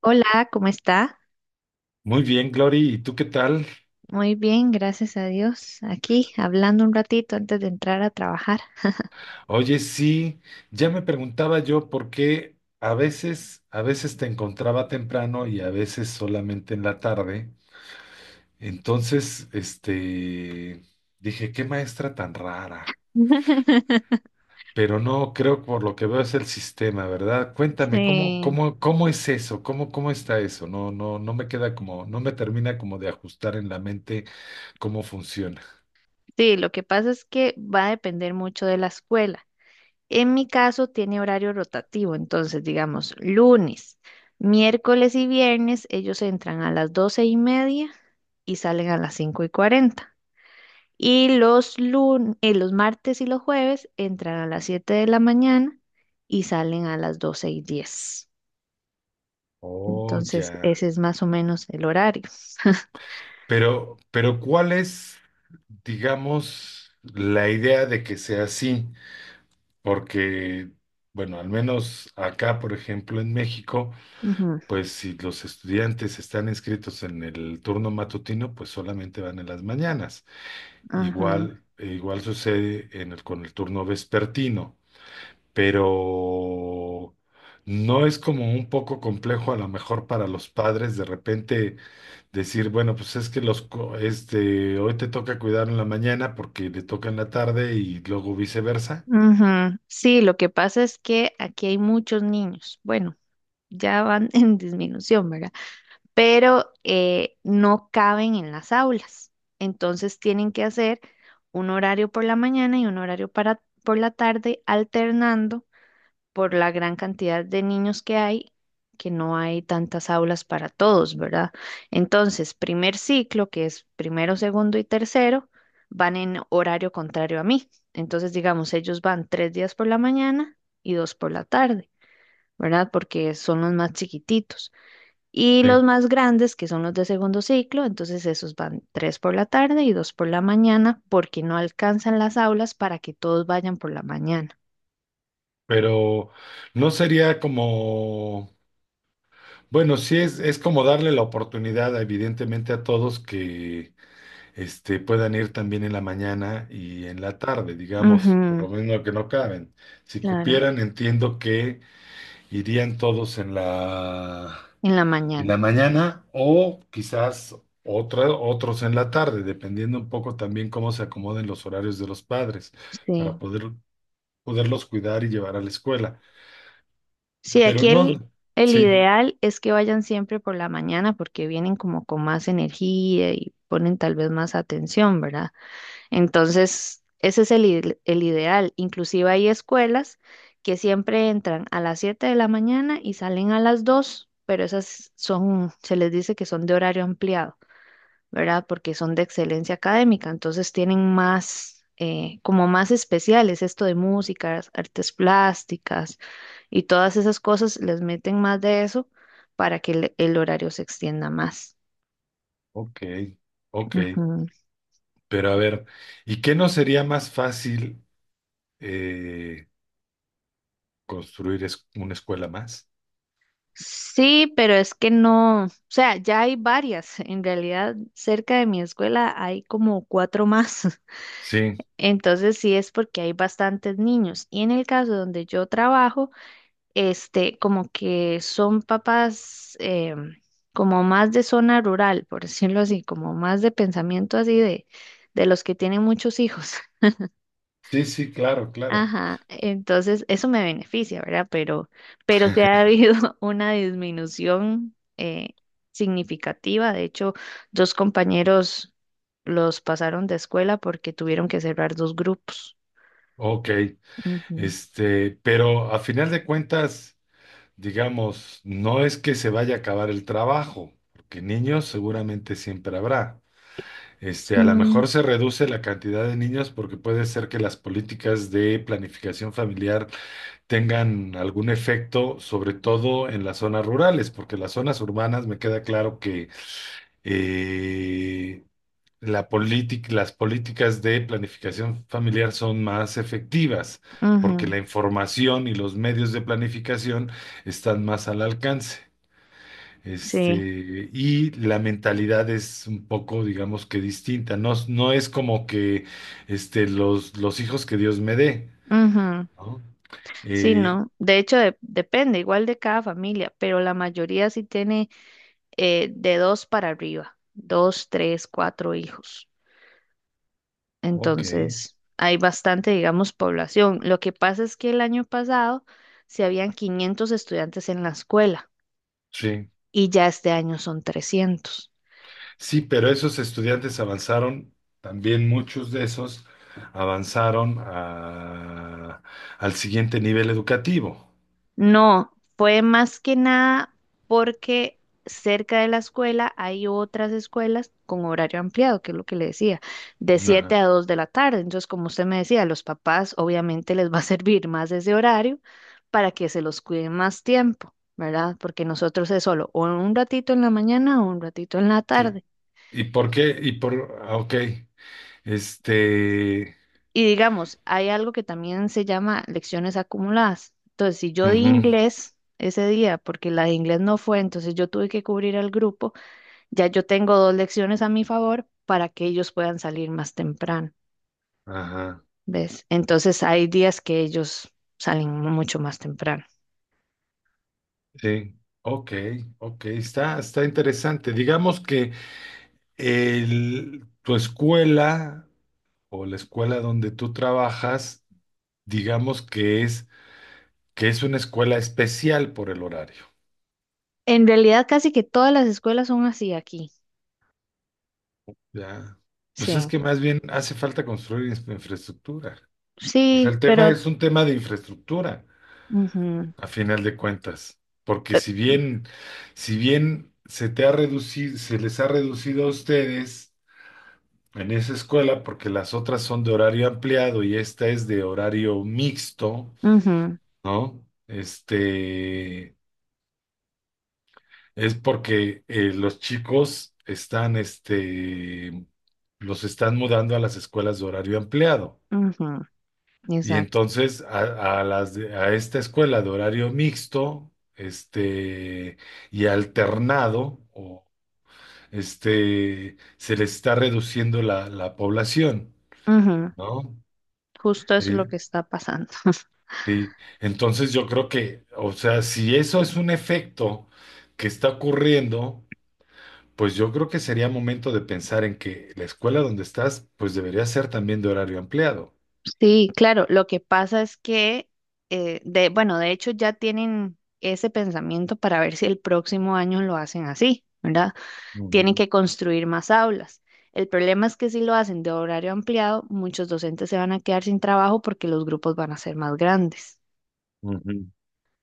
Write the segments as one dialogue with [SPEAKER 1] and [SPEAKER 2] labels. [SPEAKER 1] Hola, ¿cómo está?
[SPEAKER 2] Muy bien, Glory, ¿y tú qué tal?
[SPEAKER 1] Muy bien, gracias a Dios. Aquí hablando un ratito antes de entrar a trabajar.
[SPEAKER 2] Oye, sí, ya me preguntaba yo por qué a veces te encontraba temprano y a veces solamente en la tarde. Entonces, dije, qué maestra tan rara. Pero no, creo que por lo que veo es el sistema, ¿verdad? Cuéntame, ¿cómo,
[SPEAKER 1] Sí,
[SPEAKER 2] cómo es eso? ¿Cómo, cómo está eso? No, no, no me queda como, no me termina como de ajustar en la mente cómo funciona.
[SPEAKER 1] sí, lo que pasa es que va a depender mucho de la escuela. En mi caso tiene horario rotativo, entonces digamos lunes, miércoles y viernes ellos entran a las 12:30 y salen a las 5:40. Y los martes y los jueves entran a las 7 de la mañana y salen a las 12:10.
[SPEAKER 2] Oh,
[SPEAKER 1] Entonces,
[SPEAKER 2] ya.
[SPEAKER 1] ese es más o menos el horario.
[SPEAKER 2] Pero ¿cuál es, digamos, la idea de que sea así? Porque, bueno, al menos acá, por ejemplo, en México,
[SPEAKER 1] Ujú,
[SPEAKER 2] pues si los estudiantes están inscritos en el turno matutino, pues solamente van en las mañanas.
[SPEAKER 1] ajá,
[SPEAKER 2] Igual, igual sucede en con el turno vespertino. Pero no es como un poco complejo a lo mejor para los padres de repente decir, bueno, pues es que los, hoy te toca cuidar en la mañana porque le toca en la tarde y luego viceversa.
[SPEAKER 1] ujú. Sí, lo que pasa es que aquí hay muchos niños. Bueno, ya van en disminución, ¿verdad? Pero no caben en las aulas. Entonces tienen que hacer un horario por la mañana y un horario por la tarde, alternando por la gran cantidad de niños que hay, que no hay tantas aulas para todos, ¿verdad? Entonces, primer ciclo, que es primero, segundo y tercero, van en horario contrario a mí. Entonces, digamos, ellos van tres días por la mañana y dos por la tarde, ¿verdad? Porque son los más chiquititos. Y los
[SPEAKER 2] Sí.
[SPEAKER 1] más grandes, que son los de segundo ciclo, entonces esos van tres por la tarde y dos por la mañana, porque no alcanzan las aulas para que todos vayan por la mañana.
[SPEAKER 2] Pero no sería como, bueno, sí es como darle la oportunidad evidentemente a todos que puedan ir también en la mañana y en la tarde, digamos, por
[SPEAKER 1] Ujú,
[SPEAKER 2] lo menos que no caben. Si
[SPEAKER 1] claro.
[SPEAKER 2] cupieran, entiendo que irían todos en
[SPEAKER 1] En la
[SPEAKER 2] en la
[SPEAKER 1] mañana,
[SPEAKER 2] mañana o quizás otros en la tarde, dependiendo un poco también cómo se acomoden los horarios de los padres
[SPEAKER 1] sí.
[SPEAKER 2] para poder, poderlos cuidar y llevar a la escuela.
[SPEAKER 1] Sí,
[SPEAKER 2] Pero
[SPEAKER 1] aquí el,
[SPEAKER 2] no,
[SPEAKER 1] el
[SPEAKER 2] sí,
[SPEAKER 1] ideal es que vayan siempre por la mañana porque vienen como con más energía y ponen tal vez más atención, ¿verdad? Entonces, ese es el ideal. Inclusive hay escuelas que siempre entran a las 7 de la mañana y salen a las 2, pero esas son, se les dice que son de horario ampliado. ¿Verdad? Porque son de excelencia académica, entonces tienen más, como más especiales, esto de música, artes plásticas y todas esas cosas, les meten más de eso para que el horario se extienda más.
[SPEAKER 2] ok, ok.
[SPEAKER 1] Ujú.
[SPEAKER 2] Pero a ver, ¿y qué no sería más fácil eh, construir una escuela más?
[SPEAKER 1] Sí, pero es que no, o sea, ya hay varias, en realidad cerca de mi escuela hay como cuatro más.
[SPEAKER 2] Sí,
[SPEAKER 1] Entonces sí es porque hay bastantes niños. Y en el caso donde yo trabajo, este, como que son papás como más de zona rural, por decirlo así, como más de pensamiento así de los que tienen muchos hijos.
[SPEAKER 2] sí, sí, claro, claro.
[SPEAKER 1] Ajá, entonces eso me beneficia, ¿verdad? Pero sí ha habido una disminución significativa. De hecho, dos compañeros los pasaron de escuela porque tuvieron que cerrar dos grupos.
[SPEAKER 2] Ok,
[SPEAKER 1] Ujú.
[SPEAKER 2] pero a final de cuentas, digamos, no es que se vaya a acabar el trabajo, porque niños seguramente siempre habrá. A lo
[SPEAKER 1] Mm,
[SPEAKER 2] mejor se reduce la cantidad de niños porque puede ser que las políticas de planificación familiar tengan algún efecto, sobre todo en las zonas rurales, porque las zonas urbanas me queda claro que eh, la política, las políticas de planificación familiar son más efectivas, porque
[SPEAKER 1] ujú,
[SPEAKER 2] la información y los medios de planificación están más al alcance.
[SPEAKER 1] sí.
[SPEAKER 2] Este, y la mentalidad es un poco, digamos que distinta. No, no es como que los hijos que Dios me dé,
[SPEAKER 1] Ujú.
[SPEAKER 2] ¿no?
[SPEAKER 1] Sí,
[SPEAKER 2] Eh,
[SPEAKER 1] no. De hecho, depende igual de cada familia, pero la mayoría sí tiene de dos para arriba, dos, tres, cuatro hijos.
[SPEAKER 2] ok,
[SPEAKER 1] Entonces, hay bastante, digamos, población. Lo que pasa es que el año pasado se habían 500 estudiantes en la escuela
[SPEAKER 2] sí.
[SPEAKER 1] y ya este año son 300.
[SPEAKER 2] Sí, pero esos estudiantes avanzaron, también muchos de esos avanzaron al siguiente nivel educativo.
[SPEAKER 1] No, fue más que nada porque cerca de la escuela hay otras escuelas con horario ampliado, que es lo que le decía, de 7
[SPEAKER 2] Ajá,
[SPEAKER 1] a 2 de la tarde. Entonces, como usted me decía, a los papás obviamente les va a servir más ese horario para que se los cuiden más tiempo, ¿verdad? Porque nosotros es solo o un ratito en la mañana o un ratito en la
[SPEAKER 2] sí.
[SPEAKER 1] tarde.
[SPEAKER 2] ¿Y por qué? Y por, ah, ok, este,
[SPEAKER 1] Y digamos, hay algo que también se llama lecciones acumuladas. Entonces, si yo di
[SPEAKER 2] ujú,
[SPEAKER 1] inglés ese día, porque la de inglés no fue, entonces yo tuve que cubrir al grupo, ya yo tengo dos lecciones a mi favor para que ellos puedan salir más temprano,
[SPEAKER 2] ajá.
[SPEAKER 1] ¿ves? Entonces, hay días que ellos salen mucho más temprano.
[SPEAKER 2] Sí, ok, ok, está, está interesante. Digamos que tu escuela o la escuela donde tú trabajas, digamos que es una escuela especial por el horario,
[SPEAKER 1] En realidad, casi que todas las escuelas son así aquí.
[SPEAKER 2] ¿ya? Pues es
[SPEAKER 1] Sí,
[SPEAKER 2] que más bien hace falta construir infraestructura. O sea,
[SPEAKER 1] sí,
[SPEAKER 2] el tema
[SPEAKER 1] pero.
[SPEAKER 2] es un tema de infraestructura,
[SPEAKER 1] Ujú,
[SPEAKER 2] a final de cuentas. Porque
[SPEAKER 1] pe-
[SPEAKER 2] si bien, si bien se te ha reducido, se les ha reducido a ustedes en esa escuela, porque las otras son de horario ampliado y esta es de horario mixto,
[SPEAKER 1] ujú,
[SPEAKER 2] ¿no? Es porque los chicos están, los están mudando a las escuelas de horario ampliado.
[SPEAKER 1] ujú,
[SPEAKER 2] Y
[SPEAKER 1] exacto.
[SPEAKER 2] entonces a a esta escuela de horario mixto, y alternado, o se les está reduciendo la, la población,
[SPEAKER 1] Ujú,
[SPEAKER 2] ¿no?
[SPEAKER 1] justo eso es
[SPEAKER 2] Eh,
[SPEAKER 1] lo que está pasando.
[SPEAKER 2] sí, entonces yo creo que, o sea, si eso es un efecto que está ocurriendo, pues yo creo que sería momento de pensar en que la escuela donde estás, pues debería ser también de horario ampliado.
[SPEAKER 1] Sí, claro, lo que pasa es que, bueno, de hecho ya tienen ese pensamiento para ver si el próximo año lo hacen así, ¿verdad? Tienen
[SPEAKER 2] Ujú,
[SPEAKER 1] que construir más aulas. El problema es que si lo hacen de horario ampliado, muchos docentes se van a quedar sin trabajo porque los grupos van a ser más grandes.
[SPEAKER 2] ujú.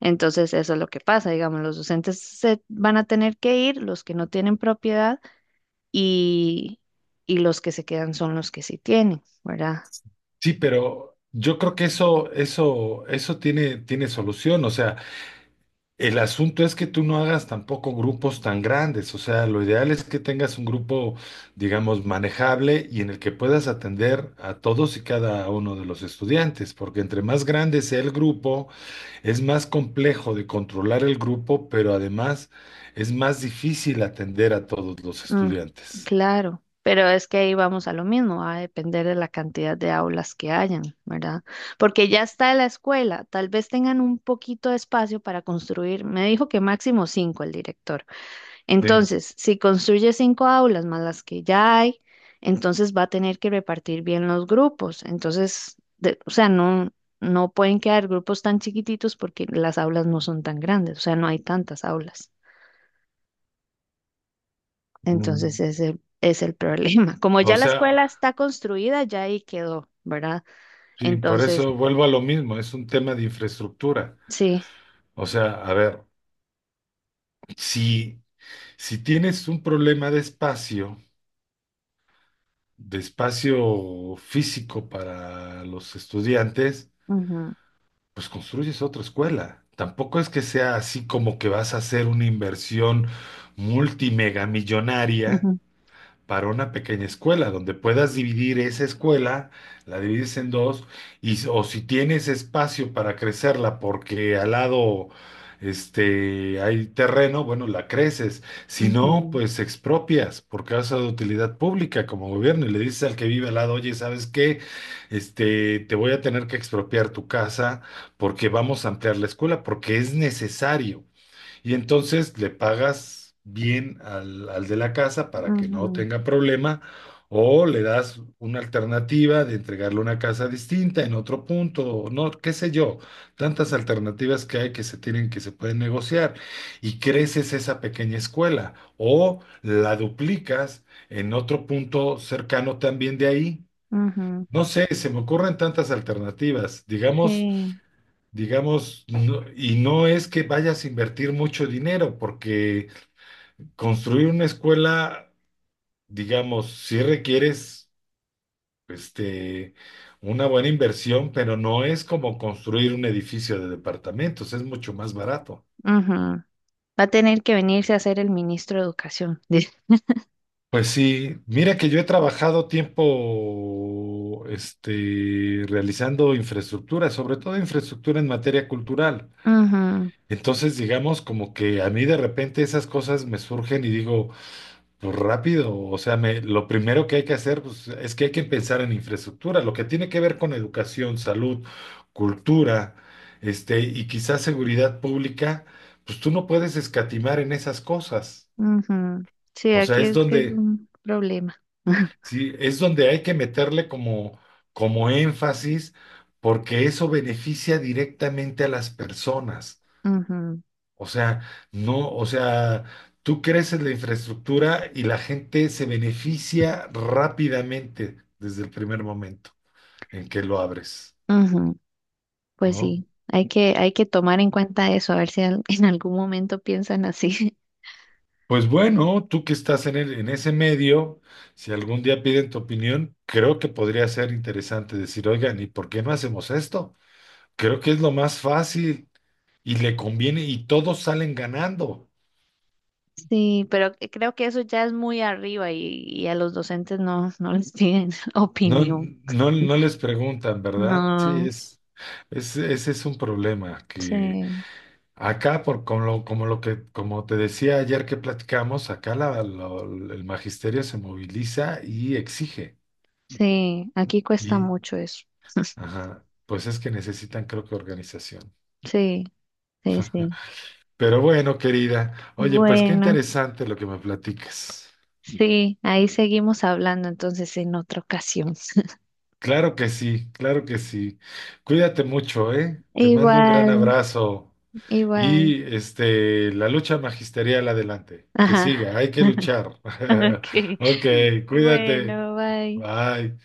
[SPEAKER 1] Entonces, eso es lo que pasa, digamos, los docentes se van a tener que ir, los que no tienen propiedad y, y los que se quedan son los que sí tienen, ¿verdad?
[SPEAKER 2] Sí, pero yo creo que eso tiene, tiene solución. O sea, el asunto es que tú no hagas tampoco grupos tan grandes, o sea, lo ideal es que tengas un grupo, digamos, manejable y en el que puedas atender a todos y cada uno de los estudiantes, porque entre más grande sea el grupo, es más complejo de controlar el grupo, pero además es más difícil atender a todos los
[SPEAKER 1] Mm,
[SPEAKER 2] estudiantes.
[SPEAKER 1] claro, pero es que ahí vamos a lo mismo, va a depender de la cantidad de aulas que hayan, ¿verdad? Porque ya está la escuela, tal vez tengan un poquito de espacio para construir, me dijo que máximo cinco el director.
[SPEAKER 2] Sí.
[SPEAKER 1] Entonces, si construye cinco aulas más las que ya hay, entonces va a tener que repartir bien los grupos. Entonces, o sea, no, no pueden quedar grupos tan chiquititos porque las aulas no son tan grandes, o sea, no hay tantas aulas. Entonces
[SPEAKER 2] Mm.
[SPEAKER 1] ese es el problema. Como
[SPEAKER 2] O
[SPEAKER 1] ya la escuela
[SPEAKER 2] sea,
[SPEAKER 1] está construida, ya ahí quedó, ¿verdad?
[SPEAKER 2] sí, por
[SPEAKER 1] Entonces,
[SPEAKER 2] eso vuelvo a lo mismo, es un tema de infraestructura.
[SPEAKER 1] sí.
[SPEAKER 2] O sea, a ver, si, si tienes un problema de espacio físico para los estudiantes,
[SPEAKER 1] Ujú,
[SPEAKER 2] pues construyes otra escuela. Tampoco es que sea así como que vas a hacer una inversión multimegamillonaria
[SPEAKER 1] ujú,
[SPEAKER 2] para una pequeña escuela, donde puedas dividir esa escuela, la divides en dos, y, o si tienes espacio para crecerla porque al lado hay terreno, bueno, la creces. Si no,
[SPEAKER 1] ujú,
[SPEAKER 2] pues expropias por causa de utilidad pública como gobierno y le dices al que vive al lado, oye, ¿sabes qué? Te voy a tener que expropiar tu casa porque vamos a ampliar la escuela, porque es necesario. Y entonces le pagas bien al, al de la casa para que no
[SPEAKER 1] ujú,
[SPEAKER 2] tenga problema o le das una alternativa de entregarle una casa distinta en otro punto, o no, qué sé yo, tantas alternativas que hay que se tienen que se pueden negociar y creces esa pequeña escuela o la duplicas en otro punto cercano también de ahí.
[SPEAKER 1] ujú,
[SPEAKER 2] No sé, se me ocurren tantas alternativas. Digamos,
[SPEAKER 1] sí.
[SPEAKER 2] digamos, y no es que vayas a invertir mucho dinero, porque construir una escuela, digamos, sí requieres, este, una buena inversión, pero no es como construir un edificio de departamentos, es mucho más barato.
[SPEAKER 1] Ujú. Va a tener que venirse a ser el ministro de Educación. dice.
[SPEAKER 2] Pues sí, mira que yo he trabajado tiempo, realizando infraestructura, sobre todo infraestructura en materia cultural.
[SPEAKER 1] Ujú,
[SPEAKER 2] Entonces, digamos, como que a mí de repente esas cosas me surgen y digo, pues rápido, o sea, lo primero que hay que hacer pues, es que hay que pensar en infraestructura, lo que tiene que ver con educación, salud, cultura, y quizás seguridad pública, pues tú no puedes escatimar en esas cosas.
[SPEAKER 1] ujú. Sí,
[SPEAKER 2] O sea,
[SPEAKER 1] aquí
[SPEAKER 2] es
[SPEAKER 1] es que es
[SPEAKER 2] donde,
[SPEAKER 1] un problema.
[SPEAKER 2] sí, es donde hay que meterle como, como énfasis, porque eso beneficia directamente a las personas.
[SPEAKER 1] Ujú,
[SPEAKER 2] O sea, no, o sea, tú creces la infraestructura y la gente se beneficia rápidamente desde el primer momento en que lo abres,
[SPEAKER 1] ujú. Pues
[SPEAKER 2] ¿no?
[SPEAKER 1] sí, hay que tomar en cuenta eso, a ver si en algún momento piensan así.
[SPEAKER 2] Pues bueno, tú que estás en en ese medio, si algún día piden tu opinión, creo que podría ser interesante decir, oigan, ¿y por qué no hacemos esto? Creo que es lo más fácil y le conviene y todos salen ganando.
[SPEAKER 1] Sí, pero creo que eso ya es muy arriba y, a los docentes no, no les piden
[SPEAKER 2] No,
[SPEAKER 1] opinión.
[SPEAKER 2] no, no les preguntan, ¿verdad? Sí,
[SPEAKER 1] No,
[SPEAKER 2] es, ese es un problema que
[SPEAKER 1] sí,
[SPEAKER 2] acá, por, como lo que, como te decía ayer que platicamos, acá el magisterio se moviliza y exige.
[SPEAKER 1] sí, aquí cuesta
[SPEAKER 2] Y,
[SPEAKER 1] mucho eso.
[SPEAKER 2] ajá, pues es que necesitan, creo que, organización.
[SPEAKER 1] Sí, sí, sí.
[SPEAKER 2] Pero bueno, querida, oye, pues qué
[SPEAKER 1] Bueno,
[SPEAKER 2] interesante lo que me platicas.
[SPEAKER 1] sí, ahí seguimos hablando entonces en otra ocasión.
[SPEAKER 2] Claro que sí, claro que sí. Cuídate mucho, ¿eh? Te mando un gran
[SPEAKER 1] Igual,
[SPEAKER 2] abrazo.
[SPEAKER 1] igual.
[SPEAKER 2] Y la lucha magisterial adelante, que
[SPEAKER 1] Ajá.
[SPEAKER 2] siga, hay que luchar.
[SPEAKER 1] Ok.
[SPEAKER 2] Ok, cuídate.
[SPEAKER 1] Bueno, bye.
[SPEAKER 2] Bye.